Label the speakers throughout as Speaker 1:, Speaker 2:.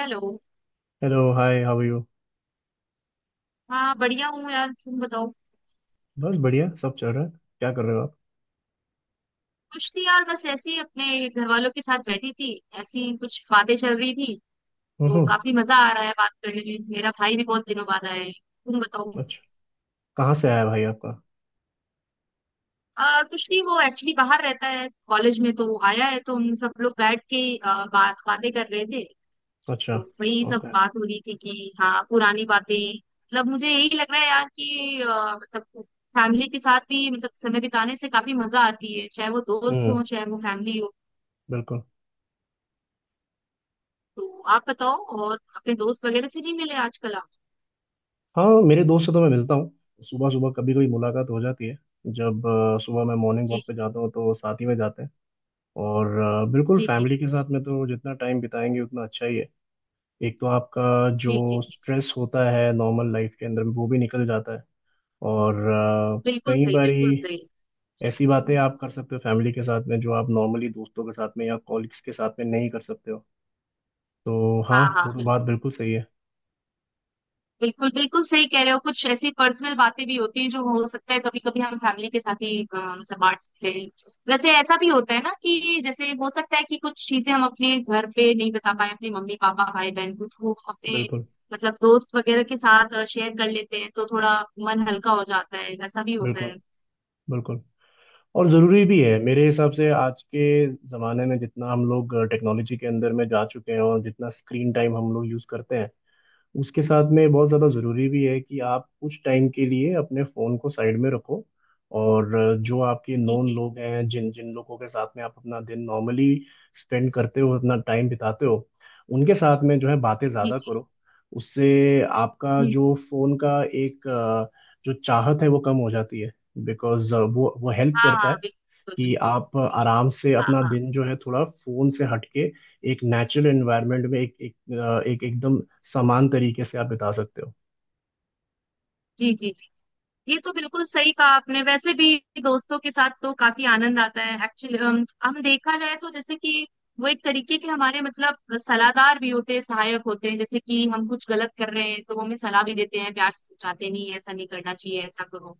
Speaker 1: Hello.
Speaker 2: Hello, hi how are you.
Speaker 1: हाँ बढ़िया हूँ यार, तुम बताओ।
Speaker 2: बस बढ़िया सब चल रहा है। क्या कर रहे हो आप?
Speaker 1: कुछ नहीं यार, बस ऐसे ही अपने घर वालों के साथ बैठी थी, ऐसी कुछ बातें चल रही थी। तो
Speaker 2: हम्म।
Speaker 1: काफी मजा आ रहा है बात करने में, मेरा भाई भी बहुत दिनों बाद आया है। तुम बताओ।
Speaker 2: अच्छा, कहाँ से आया भाई आपका?
Speaker 1: कुछ नहीं वो एक्चुअली बाहर रहता है कॉलेज में, तो आया है तो हम सब लोग बैठ के आ, बात बातें कर रहे थे।
Speaker 2: अच्छा।
Speaker 1: तो वही सब
Speaker 2: ओके।
Speaker 1: बात हो रही थी कि हाँ पुरानी बातें, मतलब मुझे यही लग रहा है यार कि मतलब फैमिली के साथ भी मतलब समय बिताने से काफी मजा आती है, चाहे वो दोस्त हो
Speaker 2: हम्म।
Speaker 1: चाहे वो फैमिली हो।
Speaker 2: बिल्कुल।
Speaker 1: तो आप बताओ, और अपने दोस्त वगैरह से नहीं मिले आजकल आप?
Speaker 2: हाँ, मेरे दोस्त से तो मैं मिलता हूँ। सुबह सुबह कभी कभी मुलाकात हो जाती है जब सुबह मैं मॉर्निंग
Speaker 1: जी
Speaker 2: वॉक पे जाता हूँ तो साथ ही में जाते हैं। और बिल्कुल
Speaker 1: जी जी
Speaker 2: फैमिली के साथ में तो जितना टाइम बिताएंगे उतना अच्छा ही है। एक तो आपका
Speaker 1: जी जी
Speaker 2: जो
Speaker 1: जी।
Speaker 2: स्ट्रेस होता है नॉर्मल लाइफ के अंदर वो भी निकल जाता है। और
Speaker 1: बिल्कुल
Speaker 2: कई
Speaker 1: सही, बिल्कुल
Speaker 2: बारी
Speaker 1: सही। जी
Speaker 2: ऐसी बातें
Speaker 1: जी।
Speaker 2: आप कर सकते हो फैमिली के साथ में जो आप नॉर्मली दोस्तों के साथ में या कॉलिग्स के साथ में नहीं कर सकते हो। तो हाँ,
Speaker 1: हाँ
Speaker 2: वो
Speaker 1: हाँ
Speaker 2: तो
Speaker 1: बिल्कुल।
Speaker 2: बात बिल्कुल सही है।
Speaker 1: बिल्कुल बिल्कुल सही कह रहे हो, कुछ ऐसी पर्सनल बातें भी होती हैं जो हो सकता है कभी कभी हम फैमिली के साथ ही मतलब बांट सकते हैं। वैसे ऐसा भी होता है ना कि जैसे हो सकता है कि कुछ चीजें हम अपने घर पे नहीं बता पाए अपने मम्मी पापा भाई बहन को, तो अपने
Speaker 2: बिल्कुल,
Speaker 1: मतलब दोस्त वगैरह के साथ शेयर कर लेते हैं तो थोड़ा मन हल्का हो जाता है, ऐसा भी होता
Speaker 2: बिल्कुल,
Speaker 1: है।
Speaker 2: बिल्कुल। और
Speaker 1: जी
Speaker 2: ज़रूरी भी है मेरे हिसाब से आज के ज़माने में। जितना हम लोग टेक्नोलॉजी के अंदर में जा चुके हैं और जितना स्क्रीन टाइम हम लोग यूज़ करते हैं, उसके साथ में बहुत ज़्यादा ज़रूरी भी है कि आप कुछ टाइम के लिए अपने फ़ोन को साइड में रखो। और जो आपके
Speaker 1: जी
Speaker 2: नोन
Speaker 1: जी
Speaker 2: लोग हैं, जिन जिन लोगों के साथ में आप अपना दिन नॉर्मली स्पेंड करते हो, अपना टाइम बिताते हो, उनके साथ में जो है बातें
Speaker 1: जी।
Speaker 2: ज़्यादा करो। उससे आपका
Speaker 1: हुँ,
Speaker 2: जो फ़ोन का एक जो चाहत है वो कम हो जाती है। बिकॉज वो हेल्प
Speaker 1: हाँ,
Speaker 2: करता है
Speaker 1: हाँ, बिल्कुल,
Speaker 2: कि
Speaker 1: बिल्कुल।
Speaker 2: आप आराम से
Speaker 1: हाँ,
Speaker 2: अपना
Speaker 1: हाँ।
Speaker 2: दिन जो है थोड़ा फोन से हटके एक नेचुरल एनवायरनमेंट में एक एक, अ, एक एकदम समान तरीके से आप बिता सकते हो।
Speaker 1: जी, जी, जी। ये तो बिल्कुल सही कहा आपने, वैसे भी दोस्तों के साथ तो काफी आनंद आता है। एक्चुअली हम देखा जाए तो जैसे कि वो एक तरीके के हमारे मतलब सलाहदार भी होते हैं, सहायक होते हैं। जैसे कि हम कुछ गलत कर रहे हैं तो वो हमें सलाह भी देते हैं, प्यार से समझाते हैं, नहीं ऐसा नहीं करना चाहिए, ऐसा करो।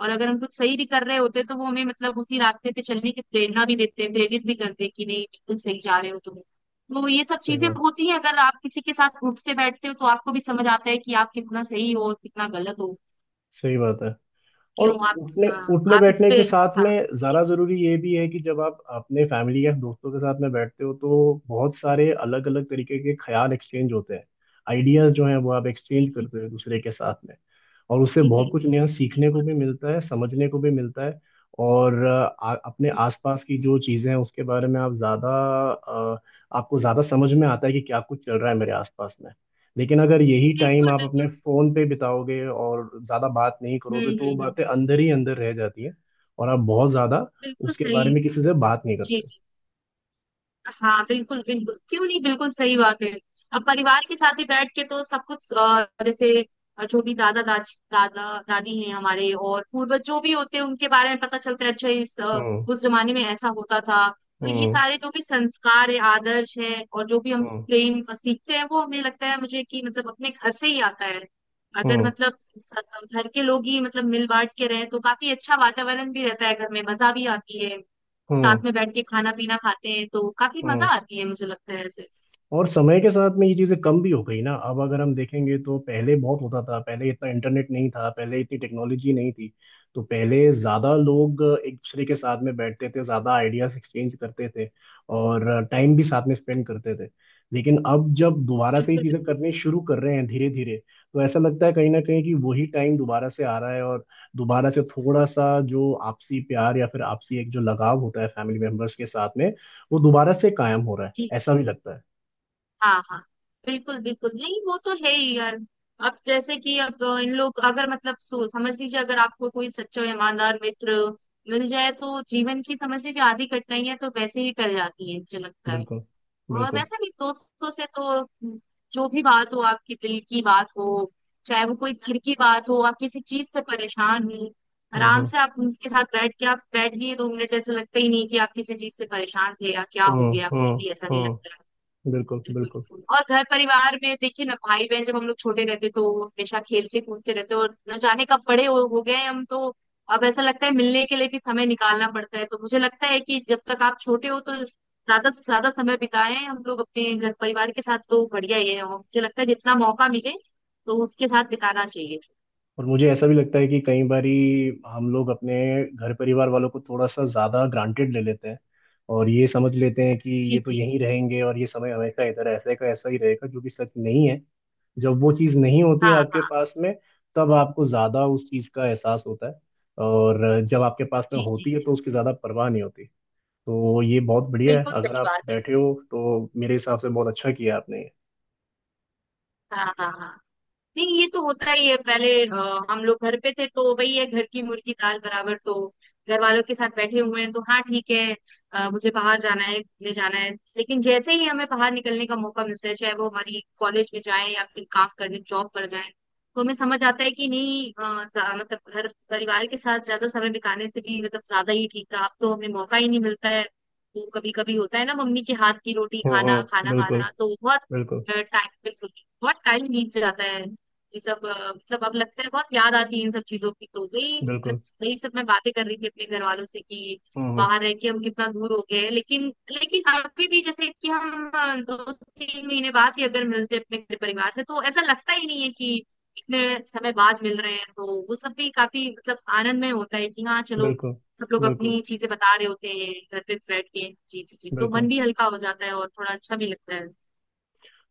Speaker 1: और अगर हम कुछ सही भी कर रहे होते हैं तो वो हमें मतलब उसी रास्ते पे चलने की प्रेरणा भी देते हैं, प्रेरित भी करते हैं कि नहीं बिल्कुल सही जा रहे हो तुम। तो ये सब
Speaker 2: सही
Speaker 1: चीजें
Speaker 2: बात।
Speaker 1: होती हैं, अगर आप किसी के साथ उठते बैठते हो तो आपको भी समझ आता है कि आप कितना सही हो और कितना गलत हो।
Speaker 2: सही बात है। और
Speaker 1: क्यों आप?
Speaker 2: उठने
Speaker 1: हाँ,
Speaker 2: उठने
Speaker 1: आप इस
Speaker 2: बैठने
Speaker 1: पे।
Speaker 2: के साथ
Speaker 1: हाँ।
Speaker 2: में
Speaker 1: जी
Speaker 2: ज़रा ज़रूरी ये भी है कि जब आप अपने फैमिली या दोस्तों के साथ में बैठते हो तो बहुत सारे अलग अलग तरीके के ख्याल एक्सचेंज होते हैं। आइडियाज़ जो हैं वो आप एक्सचेंज
Speaker 1: जी
Speaker 2: करते हो एक दूसरे के साथ में। और उससे
Speaker 1: जी जी।
Speaker 2: बहुत कुछ नया
Speaker 1: जी,
Speaker 2: सीखने
Speaker 1: बिल्कुल।
Speaker 2: को भी मिलता है, समझने को भी मिलता है। और अपने आसपास की जो चीज़ें हैं उसके बारे में अ, आपको ज़्यादा समझ में आता है कि क्या कुछ चल रहा है मेरे आसपास में। लेकिन अगर यही टाइम
Speaker 1: बिल्कुल
Speaker 2: आप
Speaker 1: बिल्कुल।
Speaker 2: अपने फोन पे बिताओगे और ज्यादा बात नहीं
Speaker 1: हम्म
Speaker 2: करोगे तो वो
Speaker 1: हम्म हम्म,
Speaker 2: बातें अंदर ही अंदर रह जाती हैं और आप बहुत ज्यादा
Speaker 1: बिल्कुल
Speaker 2: उसके
Speaker 1: सही।
Speaker 2: बारे में किसी से बात नहीं करते
Speaker 1: जी
Speaker 2: हो।
Speaker 1: जी। हाँ बिल्कुल बिल्कुल, क्यों नहीं, बिल्कुल सही बात है। अब परिवार के साथ ही बैठ के तो सब कुछ जैसे जो भी दादा दादी हैं हमारे और पूर्वज जो भी होते हैं उनके बारे में पता चलता है, अच्छा इस
Speaker 2: हम्म
Speaker 1: उस जमाने में ऐसा होता था। तो ये
Speaker 2: हम्म
Speaker 1: सारे जो भी संस्कार है आदर्श है और जो भी हम
Speaker 2: हम्म।
Speaker 1: प्रेम सीखते हैं, वो हमें लगता है मुझे कि मतलब अपने घर से ही आता है। अगर
Speaker 2: हम्म
Speaker 1: मतलब घर के लोग ही मतलब मिल बांट के रहे तो काफी अच्छा वातावरण भी रहता है घर में, मजा भी आती है। साथ
Speaker 2: हम्म
Speaker 1: में बैठ के खाना पीना खाते हैं तो काफी मजा
Speaker 2: हम्म।
Speaker 1: आती है, मुझे लगता है ऐसे।
Speaker 2: और समय के साथ में ये चीजें कम भी हो गई ना। अब अगर हम देखेंगे तो पहले बहुत होता था। पहले इतना इंटरनेट नहीं था, पहले इतनी टेक्नोलॉजी नहीं थी, तो पहले ज्यादा लोग एक दूसरे के साथ में बैठते थे, ज्यादा आइडियाज एक्सचेंज करते थे और टाइम भी साथ में स्पेंड करते थे। लेकिन अब जब दोबारा से ये
Speaker 1: बिल्कुल
Speaker 2: चीजें
Speaker 1: बिल्कुल।
Speaker 2: करनी शुरू कर रहे हैं धीरे धीरे, तो ऐसा लगता है कहीं ना कहीं कि वही टाइम दोबारा से आ रहा है। और दोबारा से थोड़ा सा जो आपसी प्यार या फिर आपसी एक जो लगाव होता है फैमिली मेंबर्स के साथ में, वो दोबारा से कायम हो रहा है
Speaker 1: जी जी।
Speaker 2: ऐसा भी लगता है।
Speaker 1: हाँ हाँ। बिल्कुल बिल्कुल, नहीं वो तो है ही यार। अब जैसे कि अब इन लोग अगर मतलब सो समझ लीजिए, अगर आपको कोई सच्चा और ईमानदार मित्र मिल जाए तो जीवन की समझ लीजिए आधी कठिनाइयां तो वैसे ही टल जाती है, मुझे लगता है।
Speaker 2: बिल्कुल,
Speaker 1: और
Speaker 2: बिल्कुल।
Speaker 1: वैसे भी दोस्तों से तो जो भी बात हो, आपकी दिल की बात हो, चाहे वो कोई घर की बात हो, आप किसी चीज से परेशान हो, आराम
Speaker 2: हम्म
Speaker 1: से आप उनके साथ बैठ के, आप बैठ गए 2 मिनट ऐसे लगता ही नहीं कि आप किसी चीज से परेशान थे या क्या हो
Speaker 2: हम्म
Speaker 1: गया, कुछ
Speaker 2: हम्म
Speaker 1: भी ऐसा नहीं लगता है।
Speaker 2: हम्म। बिल्कुल,
Speaker 1: बिल्कुल
Speaker 2: बिल्कुल।
Speaker 1: बिल्कुल। और घर परिवार में देखिए ना, भाई बहन जब हम लोग छोटे रहते तो हमेशा खेलते कूदते रहते, और न जाने कब बड़े हो गए हैं हम तो। अब ऐसा लगता है मिलने के लिए भी समय निकालना पड़ता है। तो मुझे लगता है कि जब तक आप छोटे हो तो ज्यादा से ज्यादा समय बिताएं हम लोग अपने घर परिवार के साथ तो बढ़िया ही है, और मुझे लगता है जितना मौका मिले तो उनके साथ बिताना चाहिए।
Speaker 2: और मुझे ऐसा भी लगता है कि कई बारी हम लोग अपने घर परिवार वालों को थोड़ा सा ज्यादा ग्रांटेड ले लेते हैं, और ये समझ लेते हैं कि
Speaker 1: जी
Speaker 2: ये तो
Speaker 1: जी जी।
Speaker 2: यहीं रहेंगे और ये समय हमेशा इधर ऐसे का ऐसा ही रहेगा, जो कि सच नहीं है। जब वो चीज़ नहीं होती है
Speaker 1: हाँ
Speaker 2: आपके
Speaker 1: हाँ।
Speaker 2: पास में, तब आपको ज़्यादा उस चीज़ का एहसास होता है। और जब आपके पास में
Speaker 1: जी जी
Speaker 2: होती है
Speaker 1: जी।
Speaker 2: तो उसकी ज़्यादा परवाह नहीं होती। तो ये बहुत बढ़िया है
Speaker 1: बिल्कुल
Speaker 2: अगर
Speaker 1: सही
Speaker 2: आप
Speaker 1: बात है।
Speaker 2: बैठे हो। तो मेरे हिसाब से बहुत अच्छा किया आपने।
Speaker 1: हाँ हाँ हाँ। नहीं ये तो होता ही है, पहले हम लोग घर पे थे तो वही है, घर की मुर्गी दाल बराबर। तो घर वालों के साथ बैठे हुए हैं तो हाँ ठीक है, मुझे बाहर जाना है घूमने जाना है। लेकिन जैसे ही हमें बाहर निकलने का मौका मिलता है चाहे वो हमारी कॉलेज में जाए या फिर काम करने जॉब पर जाए, तो हमें समझ आता है कि नहीं मतलब घर परिवार के साथ ज्यादा समय बिताने से भी मतलब ज्यादा ही ठीक था। अब तो हमें मौका ही नहीं मिलता है, तो कभी कभी होता है ना, मम्मी के हाथ की रोटी खाना खाना
Speaker 2: बिल्कुल।
Speaker 1: खाना तो
Speaker 2: बिल्कुल,
Speaker 1: टाइम बहुत टाइम बीत जाता है। ये सब मतलब अब लगता है, बहुत याद आती है इन सब चीजों की, तो वही बस
Speaker 2: बिल्कुल।
Speaker 1: वही सब मैं बातें कर रही थी अपने घर वालों से कि
Speaker 2: हम्म हम्म,
Speaker 1: बाहर रह के हम कितना दूर हो गए हैं। लेकिन लेकिन अभी भी जैसे कि हम 2 3 महीने बाद ही अगर मिलते हैं अपने घर परिवार से, तो ऐसा लगता ही नहीं है कि इतने समय बाद मिल रहे हैं। तो वो सब भी काफी मतलब आनंद में होता है कि हाँ चलो
Speaker 2: बिल्कुल।
Speaker 1: सब लोग
Speaker 2: बिल्कुल,
Speaker 1: अपनी चीजें बता रहे होते हैं घर पे बैठ के। जी जी जी। तो मन
Speaker 2: बिल्कुल।
Speaker 1: भी हल्का हो जाता है और थोड़ा अच्छा भी लगता है।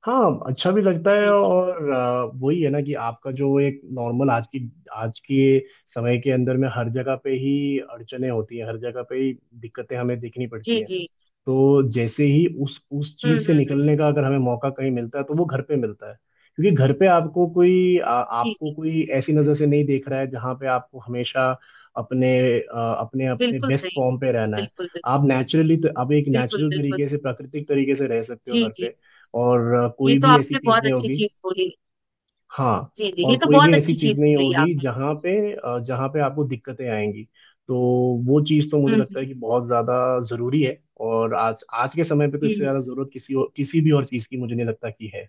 Speaker 2: हाँ, अच्छा भी लगता है।
Speaker 1: जी जी
Speaker 2: और वही है ना कि आपका जो एक नॉर्मल आज की आज के समय के अंदर में हर जगह पे ही अड़चने होती हैं, हर जगह पे ही दिक्कतें हमें देखनी पड़ती
Speaker 1: जी
Speaker 2: हैं।
Speaker 1: जी।
Speaker 2: तो जैसे ही उस चीज से
Speaker 1: हम्म।
Speaker 2: निकलने का अगर हमें मौका कहीं मिलता है तो वो घर पे मिलता है। क्योंकि घर पे
Speaker 1: जी
Speaker 2: आपको
Speaker 1: जी।
Speaker 2: कोई ऐसी नजर से नहीं देख रहा है जहाँ पे आपको हमेशा अपने आ, अपने अपने
Speaker 1: बिल्कुल
Speaker 2: बेस्ट
Speaker 1: सही।
Speaker 2: फॉर्म पे रहना है।
Speaker 1: बिल्कुल बिल्कुल।
Speaker 2: आप नेचुरली तो आप एक
Speaker 1: बिल्कुल
Speaker 2: नेचुरल
Speaker 1: बिल्कुल।
Speaker 2: तरीके से, प्राकृतिक तरीके से रह सकते हो
Speaker 1: जी
Speaker 2: घर
Speaker 1: जी।
Speaker 2: पे। और
Speaker 1: ये
Speaker 2: कोई
Speaker 1: तो
Speaker 2: भी ऐसी
Speaker 1: आपने
Speaker 2: चीज
Speaker 1: बहुत
Speaker 2: नहीं
Speaker 1: अच्छी
Speaker 2: होगी।
Speaker 1: चीज बोली।
Speaker 2: हाँ,
Speaker 1: जी जी,
Speaker 2: और
Speaker 1: ये तो
Speaker 2: कोई भी
Speaker 1: बहुत
Speaker 2: ऐसी
Speaker 1: अच्छी
Speaker 2: चीज
Speaker 1: चीज
Speaker 2: नहीं
Speaker 1: कही
Speaker 2: होगी
Speaker 1: आपने।
Speaker 2: जहाँ पे जहाँ पे आपको दिक्कतें आएंगी। तो वो चीज तो मुझे
Speaker 1: हम्म
Speaker 2: लगता है
Speaker 1: हम्म
Speaker 2: कि बहुत ज्यादा जरूरी है। और आज आज के समय पे तो इससे
Speaker 1: हम्म,
Speaker 2: ज्यादा जरूरत किसी और किसी भी और चीज की मुझे नहीं लगता कि है।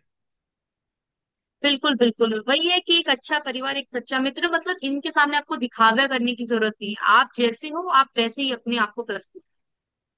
Speaker 1: बिल्कुल बिल्कुल। वही है कि एक अच्छा परिवार, एक सच्चा मित्र, मतलब इनके सामने आपको दिखावा करने की जरूरत नहीं है। आप जैसे हो आप वैसे ही अपने आप को प्रस्तुत,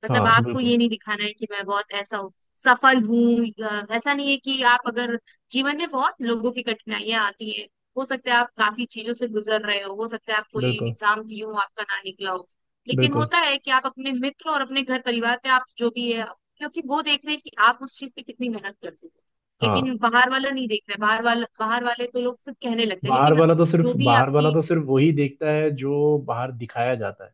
Speaker 1: मतलब
Speaker 2: हाँ
Speaker 1: आपको
Speaker 2: बिल्कुल।
Speaker 1: ये नहीं दिखाना है कि मैं बहुत ऐसा हूँ, सफल हूँ। ऐसा नहीं है कि आप अगर जीवन में बहुत लोगों की कठिनाइयां आती हैं, हो सकता है आप काफी चीजों से गुजर रहे हो सकता है आप कोई
Speaker 2: बिल्कुल,
Speaker 1: एग्जाम दिए हो आपका ना निकला हो। लेकिन
Speaker 2: बिल्कुल।
Speaker 1: होता है कि आप अपने मित्र और अपने घर परिवार पे आप जो भी है, क्योंकि वो देख रहे हैं कि आप उस चीज पे कितनी मेहनत करते हो।
Speaker 2: हाँ,
Speaker 1: लेकिन बाहर वाला नहीं देख रहे, बाहर वाला, बाहर वाले तो लोग सिर्फ कहने लगते हैं लेकिन। जो भी
Speaker 2: बाहर वाला
Speaker 1: आपकी।
Speaker 2: तो सिर्फ वही देखता है जो बाहर दिखाया जाता है।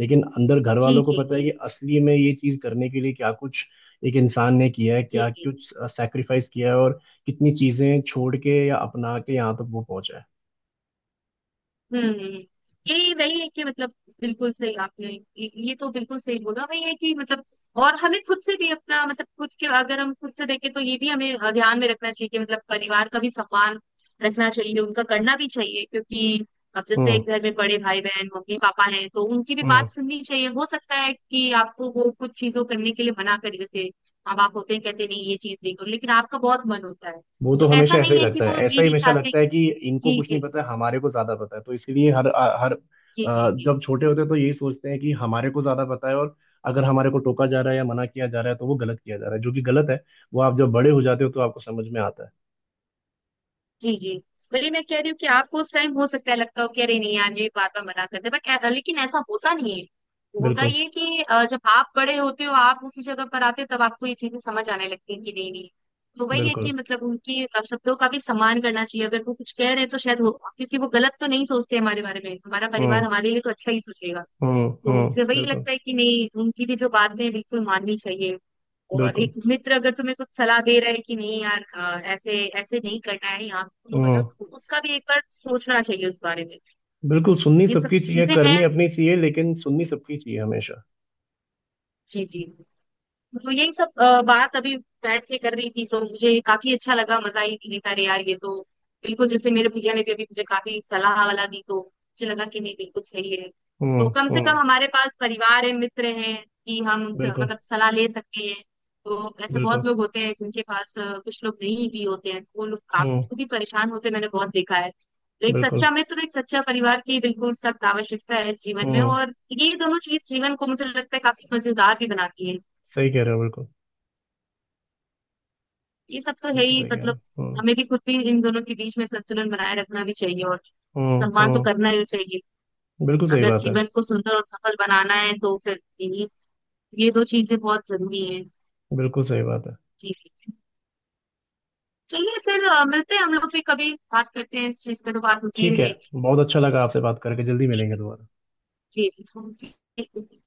Speaker 2: लेकिन अंदर घर
Speaker 1: जी
Speaker 2: वालों को
Speaker 1: जी
Speaker 2: पता है
Speaker 1: जी
Speaker 2: कि असली में ये चीज करने के लिए क्या कुछ एक इंसान ने किया है,
Speaker 1: जी
Speaker 2: क्या
Speaker 1: जी।
Speaker 2: कुछ सैक्रिफाइस किया है और कितनी चीजें छोड़ के या अपना के यहाँ तक वो पहुंचा है।
Speaker 1: हम्म। ये वही है कि मतलब, बिल्कुल सही आपने, ये तो बिल्कुल सही बोला, वही है कि मतलब, और हमें खुद से भी अपना मतलब खुद के अगर हम खुद से देखें, तो ये भी हमें ध्यान में रखना चाहिए कि मतलब परिवार का भी सम्मान रखना चाहिए, उनका करना भी चाहिए क्योंकि अब जैसे
Speaker 2: हम्म
Speaker 1: घर में बड़े भाई बहन मम्मी पापा हैं तो उनकी भी
Speaker 2: हम्म।
Speaker 1: बात सुननी चाहिए। हो सकता है कि आपको वो कुछ चीजों करने के लिए मना करे, जैसे अब आप होते हैं कहते हैं, नहीं ये चीज नहीं करो, लेकिन आपका बहुत मन होता है।
Speaker 2: वो तो
Speaker 1: तो ऐसा
Speaker 2: हमेशा ऐसा ही
Speaker 1: नहीं है कि
Speaker 2: लगता है,
Speaker 1: वो
Speaker 2: ऐसा
Speaker 1: ये
Speaker 2: ही
Speaker 1: नहीं
Speaker 2: हमेशा
Speaker 1: चाहते।
Speaker 2: लगता है कि इनको
Speaker 1: जी
Speaker 2: कुछ
Speaker 1: जी
Speaker 2: नहीं पता, हमारे को ज्यादा पता है। तो इसलिए हर हर
Speaker 1: जी जी
Speaker 2: अ,
Speaker 1: जी
Speaker 2: जब छोटे होते हैं तो यही सोचते हैं कि हमारे को ज्यादा पता है। और अगर हमारे को टोका जा रहा है या मना किया जा रहा है तो वो गलत किया जा रहा है, जो कि गलत है। वो आप जब बड़े हो जाते हो तो आपको समझ में आता है।
Speaker 1: जी जी। वही मैं कह रही हूँ कि आपको उस टाइम हो सकता है लगता हो कि अरे नहीं यार, ये बार बार मना करते, बट लेकिन ऐसा होता नहीं है। होता
Speaker 2: बिल्कुल,
Speaker 1: ये है कि जब आप बड़े होते हो आप उसी जगह पर आते हो तब आपको ये चीजें समझ आने लगती हैं कि नहीं नहीं। तो वही है कि
Speaker 2: बिल्कुल।
Speaker 1: मतलब उनकी शब्दों का भी सम्मान करना चाहिए, अगर वो कुछ कह रहे हैं तो शायद वो, क्योंकि वो गलत तो नहीं सोचते हमारे बारे में, हमारा परिवार
Speaker 2: हम्म
Speaker 1: हमारे लिए तो अच्छा ही सोचेगा। तो
Speaker 2: हम्म।
Speaker 1: मुझे वही
Speaker 2: बिल्कुल,
Speaker 1: लगता है कि नहीं उनकी भी जो बातें हैं, बिल्कुल माननी चाहिए। और एक
Speaker 2: बिल्कुल।
Speaker 1: मित्र अगर तुम्हें कुछ सलाह दे रहा है कि नहीं यार ऐसे ऐसे नहीं करना है, यहाँ पे तुम
Speaker 2: हम्म।
Speaker 1: गलत हो, उसका भी एक बार सोचना चाहिए उस बारे में।
Speaker 2: बिल्कुल, सुननी
Speaker 1: ये सब
Speaker 2: सबकी चाहिए,
Speaker 1: चीजें हैं।
Speaker 2: करनी अपनी चाहिए, लेकिन सुननी सबकी चाहिए हमेशा।
Speaker 1: जी जी। तो यही सब बात अभी बैठ के कर रही थी तो मुझे काफी अच्छा लगा, मजा ही नहीं था रे यार ये तो। बिल्कुल जैसे मेरे भैया ने भी अभी मुझे काफी सलाह वाला दी तो मुझे लगा कि नहीं बिल्कुल सही है।
Speaker 2: हम्म
Speaker 1: तो कम से
Speaker 2: हम्म।
Speaker 1: कम हमारे पास परिवार है मित्र हैं कि हम उनसे
Speaker 2: बिल्कुल,
Speaker 1: मतलब सलाह ले सकते हैं। तो ऐसे बहुत
Speaker 2: बिल्कुल।
Speaker 1: लोग होते हैं जिनके पास कुछ लोग नहीं भी होते हैं तो वो लोग
Speaker 2: हम्म।
Speaker 1: काफी परेशान होते हैं, मैंने बहुत देखा है। तो एक
Speaker 2: बिल्कुल।
Speaker 1: सच्चा मित्र और एक सच्चा परिवार की बिल्कुल सख्त आवश्यकता है जीवन में,
Speaker 2: हम्म,
Speaker 1: और ये दोनों चीज जीवन को मुझे लगता है काफी मजेदार भी बनाती है।
Speaker 2: सही कह रहे हो, बिल्कुल।
Speaker 1: ये सब तो है
Speaker 2: बिल्कुल
Speaker 1: ही
Speaker 2: सही कह रहे
Speaker 1: मतलब,
Speaker 2: हो।
Speaker 1: हमें भी खुद भी इन दोनों के बीच में संतुलन बनाए रखना भी चाहिए, और सम्मान तो
Speaker 2: हम्म।
Speaker 1: करना ही चाहिए।
Speaker 2: बिल्कुल सही
Speaker 1: अगर
Speaker 2: बात है।
Speaker 1: जीवन को सुंदर और सफल बनाना है तो फिर इन्हीं, ये 2 चीजें बहुत जरूरी हैं।
Speaker 2: बिल्कुल सही बात है।
Speaker 1: जी जी जी। चलिए फिर मिलते हैं, हम लोग भी कभी बात करते हैं, इस चीज पे तो बात होती ही
Speaker 2: ठीक है।
Speaker 1: रहेगी।
Speaker 2: बहुत अच्छा लगा आपसे बात करके। जल्दी
Speaker 1: ठीक
Speaker 2: मिलेंगे दोबारा।
Speaker 1: है। जी। जी जी।